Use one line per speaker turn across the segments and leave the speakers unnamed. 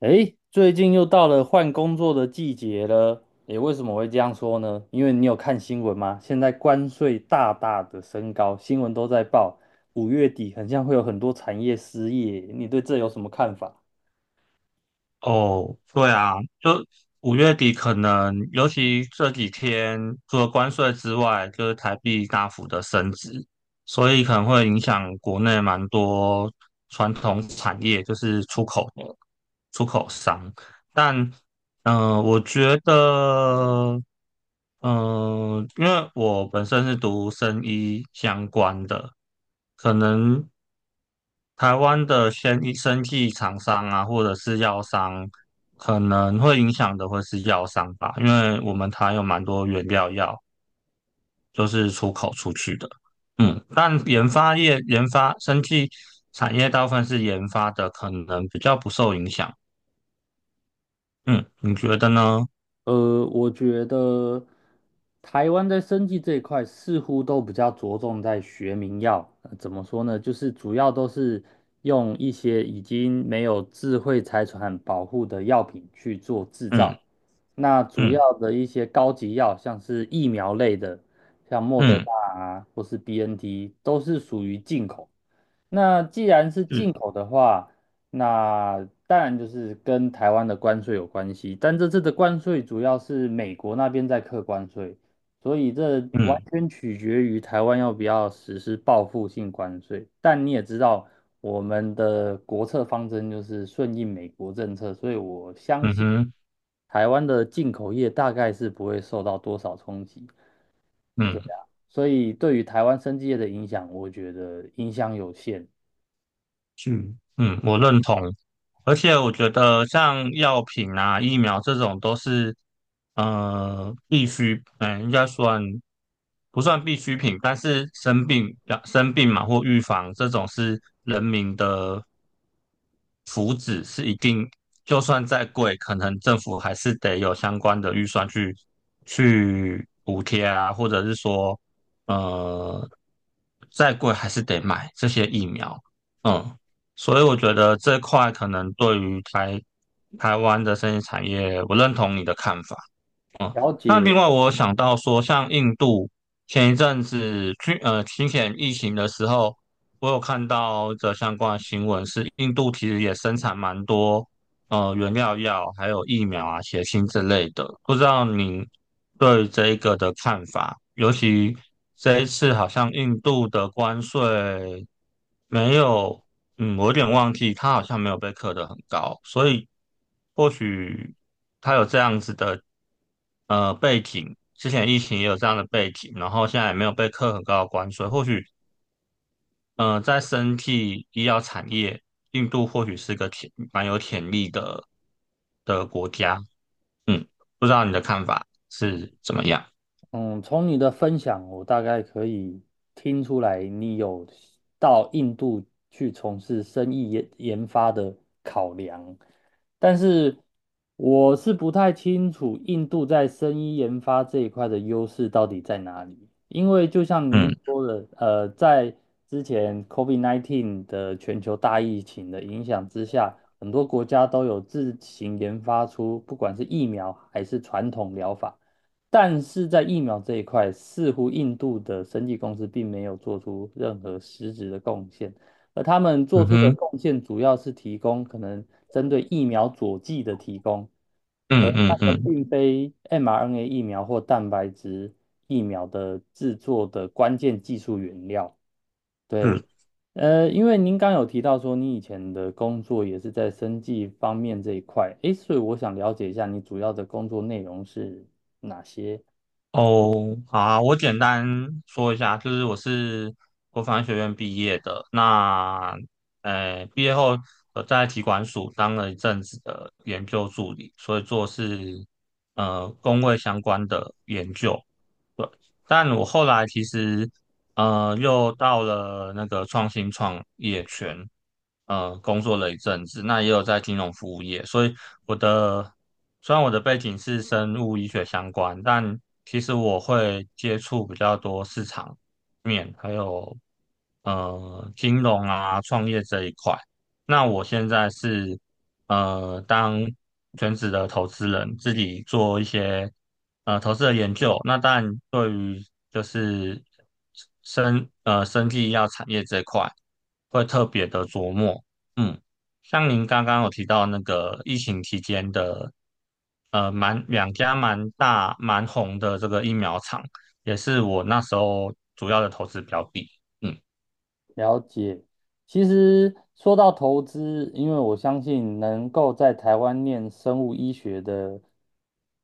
诶，最近又到了换工作的季节了。诶，为什么会这样说呢？因为你有看新闻吗？现在关税大大的升高，新闻都在报，五月底很像会有很多产业失业。你对这有什么看法？
哦，对啊，就五月底可能，尤其这几天，除了关税之外，就是台币大幅的升值，所以可能会影响国内蛮多传统产业，就是出口商。但我觉得，因为我本身是读生医相关的，可能台湾的生医生技厂商啊，或者是药商，可能会影响的会是药商吧，因为我们台有蛮多原料药，就是出口出去的。但研发业、研发生技产业大部分是研发的，可能比较不受影响。嗯，你觉得呢？
我觉得台湾在生技这一块似乎都比较着重在学名药，怎么说呢？就是主要都是用一些已经没有智慧财产保护的药品去做制
嗯
造。那主要
嗯
的一些高级药，像是疫苗类的，像莫德
嗯。
纳啊，或是 BNT,都是属于进口。那既然是
嗯
进口的话，那当然就是跟台湾的关税有关系，但这次的关税主要是美国那边在课关税，所以这完
嗯
全取决于台湾要不要实施报复性关税。但你也知道，我们的国策方针就是顺应美国政策，所以我相
嗯
信
哼
台湾的进口业大概是不会受到多少冲击。对
嗯
啊，所以对于台湾生技业的影响，我觉得影响有限。
嗯嗯，我认同。而且我觉得像药品啊、疫苗这种都是必需，应该算不算必需品？但是要生病嘛或预防这种是人民的福祉，是一定，就算再贵，可能政府还是得有相关的预算去补贴啊，或者是说呃再贵还是得买这些疫苗。嗯。所以我觉得这块可能对于台湾的生意产业，我认同你的看法。嗯，
了
那另
解。
外我想到说，像印度前一阵子之前疫情的时候，我有看到的相关新闻是，印度其实也生产蛮多原料药，还有疫苗啊、血清之类的。不知道您对这一个的看法，尤其这一次好像印度的关税没有，我有点忘记，它好像没有被课得很高，所以或许它有这样子的背景，之前疫情也有这样的背景，然后现在也没有被课很高的关税，或许在生技医药产业，印度或许是个蛮有潜力的国家。嗯，不知道你的看法是怎么样？
嗯，从你的分享，我大概可以听出来，你有到印度去从事生意研发的考量，但是我是不太清楚印度在生意研发这一块的优势到底在哪里，因为就像
嗯
您说的，在之前 COVID-19 的全球大疫情的影响之下，很多国家都有自行研发出不管是疫苗还是传统疗法。但是在疫苗这一块，似乎印度的生技公司并没有做出任何实质的贡献，而他们做
嗯
出的
哼，
贡献主要是提供可能针对疫苗佐剂的提供，而
嗯嗯
那个
嗯，
并非 mRNA 疫苗或蛋白质疫苗的制作的关键技术原料。对，
是
因为您刚有提到说你以前的工作也是在生技方面这一块，诶，所以我想了解一下你主要的工作内容是哪些？
哦。好啊，我简单说一下，就是我是国防学院毕业的。那毕业后我在体管署当了一阵子的研究助理，所以做是工位相关的研究。对，但我后来其实又到了那个创新创业圈，工作了一阵子，那也有在金融服务业，所以我的虽然我的背景是生物医学相关，但其实我会接触比较多市场面，还有金融啊创业这一块。那我现在是当全职的投资人，自己做一些投资的研究。那当然，对于就是生技医药产业这块，会特别的琢磨。嗯，像您刚刚有提到那个疫情期间的，两家蛮大蛮红的这个疫苗厂，也是我那时候主要的投资标的。嗯
了解，其实说到投资，因为我相信能够在台湾念生物医学的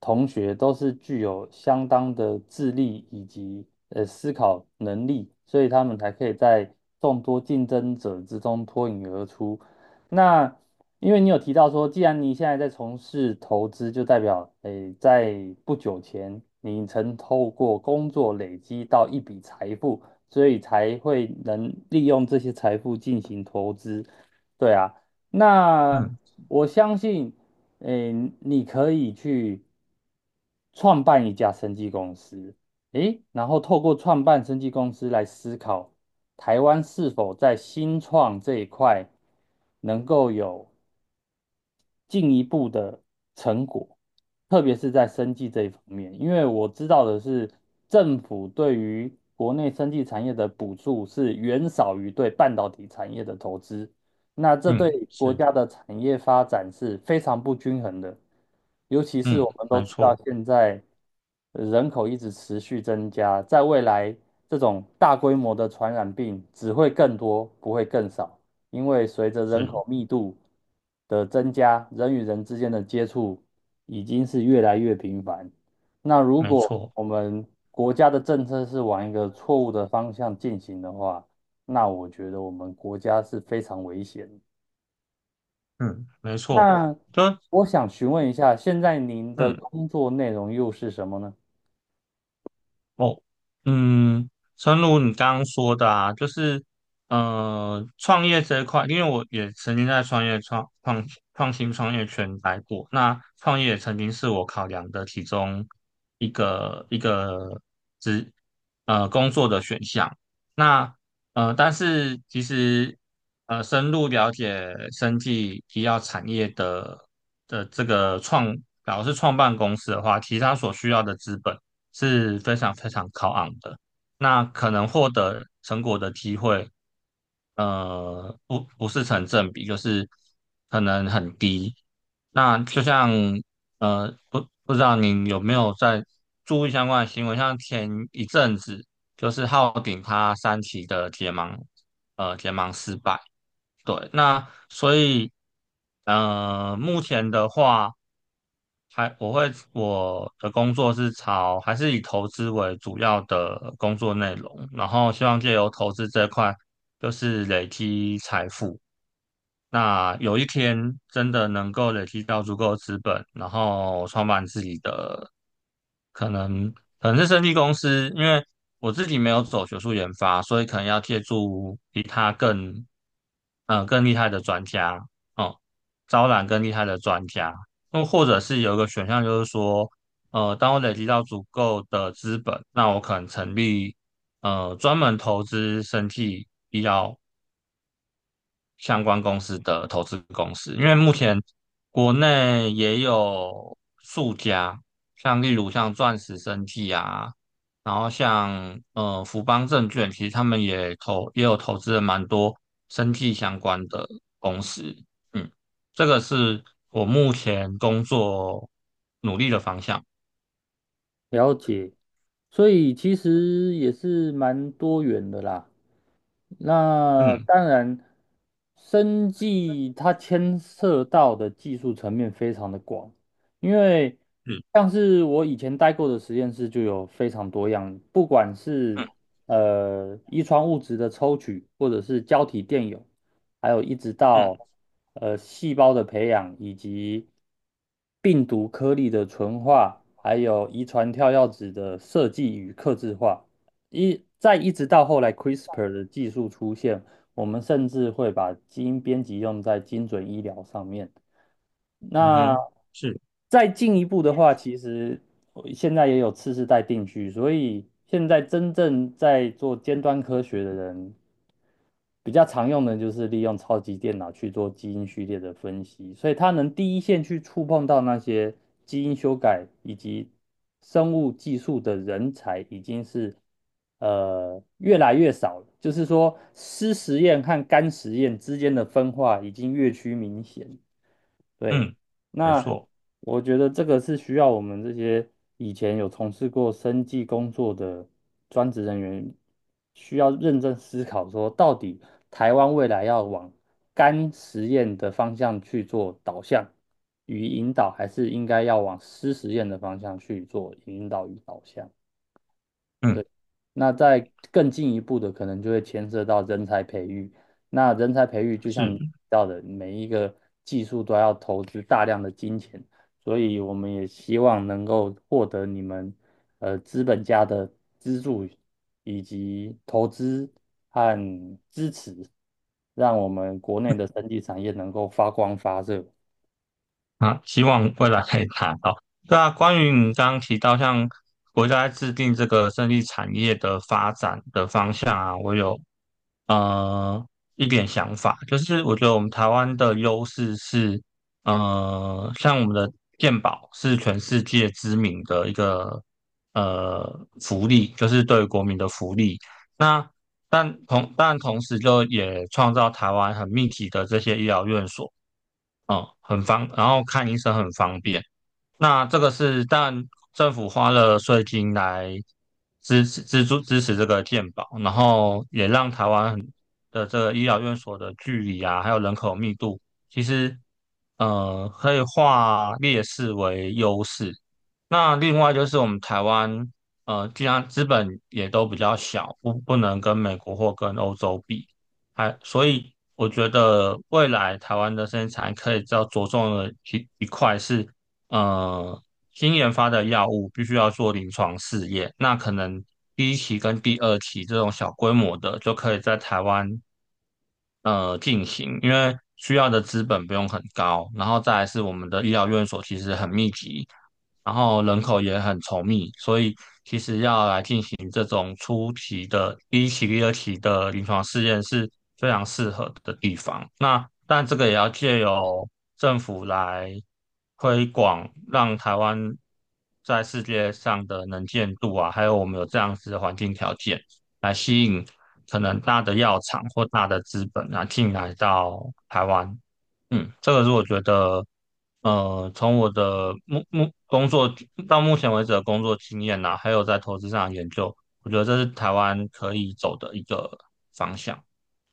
同学，都是具有相当的智力以及思考能力，所以他们才可以在众多竞争者之中脱颖而出。那因为你有提到说，既然你现在在从事投资，就代表诶，在不久前你曾透过工作累积到一笔财富。所以才会能利用这些财富进行投资。对啊，那
嗯
我相信，诶，你可以去创办一家生技公司，诶，然后透过创办生技公司来思考台湾是否在新创这一块能够有进一步的成果，特别是在生技这一方面，因为我知道的是，政府对于国内生技产业的补助是远少于对半导体产业的投资，那这对
嗯，
国
是的，
家的产业发展是非常不均衡的，尤其是
嗯，
我们都
没
知道
错，
现在人口一直持续增加，在未来这种大规模的传染病只会更多，不会更少。因为随着人
是
口密度的增加，人与人之间的接触已经是越来越频繁。那如
没
果
错。
我们国家的政策是往一个错误的方向进行的话，那我觉得我们国家是非常危险的。
嗯，没错，
那
就
我想询问一下，现在您的
嗯，
工作内容又是什么呢？
哦，嗯，诚如你刚刚说的啊，就是，创业这一块，因为我也曾经在创新创业圈待过，那创业也曾经是我考量的其中一个职工作的选项。那但是其实，深入了解生技医药产业的这个假如是创办公司的话，其实它所需要的资本是非常非常高昂的。那可能获得成果的机会，不是成正比，就是可能很低。那就像不知道您有没有在注意相关的新闻，像前一阵子就是浩鼎他三期的结盲，结盲失败。对，那所以目前的话，还我的工作还是以投资为主要的工作内容，然后希望借由投资这块，就是累积财富。那有一天真的能够累积到足够的资本，然后创办自己的，可能可能是生技公司，因为我自己没有走学术研发，所以可能要借助比他更厉害的专家，哦、招揽更厉害的专家，那或者是有一个选项就是说，当我累积到足够的资本，那我可能成立专门投资生技相关公司的投资公司，因为目前国内也有数家，例如钻石生技啊，然后像福邦证券，其实他们也有投资了蛮多生技相关的公司。嗯，这个是我目前工作努力的方向。
了解，所以其实也是蛮多元的啦。那
嗯，
当然，生技它牵涉到的技术层面非常的广，因为
嗯
像是我以前待过的实验室就有非常多样，不管是
嗯
遗传物质的抽取，或者是胶体电泳，还有一直到
嗯
细胞的培养，以及病毒颗粒的纯化，还有遗传跳药子的设计与克制化。一直到后来 CRISPR 的技术出现，我们甚至会把基因编辑用在精准医疗上面。
嗯
那
哼，是，
再进一步的话，其实我现在也有次世代定序，所以现在真正在做尖端科学的人，比较常用的就是利用超级电脑去做基因序列的分析，所以它能第一线去触碰到那些基因修改以及生物技术的人才，已经是越来越少了。就是说，湿实验和干实验之间的分化已经越趋明显。对，
嗯，没
那
错，
我觉得这个是需要我们这些以前有从事过生计工作的专职人员，需要认真思考说，到底台湾未来要往干实验的方向去做导向与引导，还是应该要往湿实验的方向去做引导与导向？
嗯，
对。那再更进一步的，可能就会牵涉到人才培育。那人才培育，就像
是。
你提到的，每一个技术都要投资大量的金钱，所以我们也希望能够获得你们资本家的资助以及投资和支持，让我们国内的生技产业能够发光发热。
啊，希望未来可以达到。对啊，关于你刚刚提到，像国家在制定这个胜利产业的发展的方向啊，我有呃一点想法，就是我觉得我们台湾的优势是，像我们的健保是全世界知名的一个呃福利，就是对国民的福利。那但同时就也创造台湾很密集的这些医疗院所。哦，然后看医生很方便。那这个是但政府花了税金来支持这个健保，然后也让台湾很的这个医疗院所的距离啊，还有人口密度，其实可以化劣势为优势。那另外就是我们台湾既然资本也都比较小，不能跟美国或跟欧洲比，还所以我觉得未来台湾的生产可以比较着重的一块是。呃，新研发的药物必须要做临床试验，那可能第一期跟第二期这种小规模的，就可以在台湾进行，因为需要的资本不用很高，然后再来是我们的医疗院所其实很密集，然后人口也很稠密，所以其实要来进行这种初期的第一期、第二期的临床试验是非常适合的地方。那但这个也要借由政府来推广，让台湾在世界上的能见度啊，还有我们有这样子的环境条件，来吸引可能大的药厂或大的资本啊进来到台湾。这个是我觉得，从我的工作到目前为止的工作经验呐、还有在投资上的研究，我觉得这是台湾可以走的一个方向。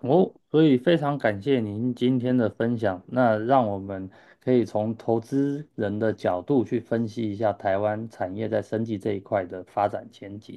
哦，所以非常感谢您今天的分享。那让我们可以从投资人的角度去分析一下台湾产业在生技这一块的发展前景。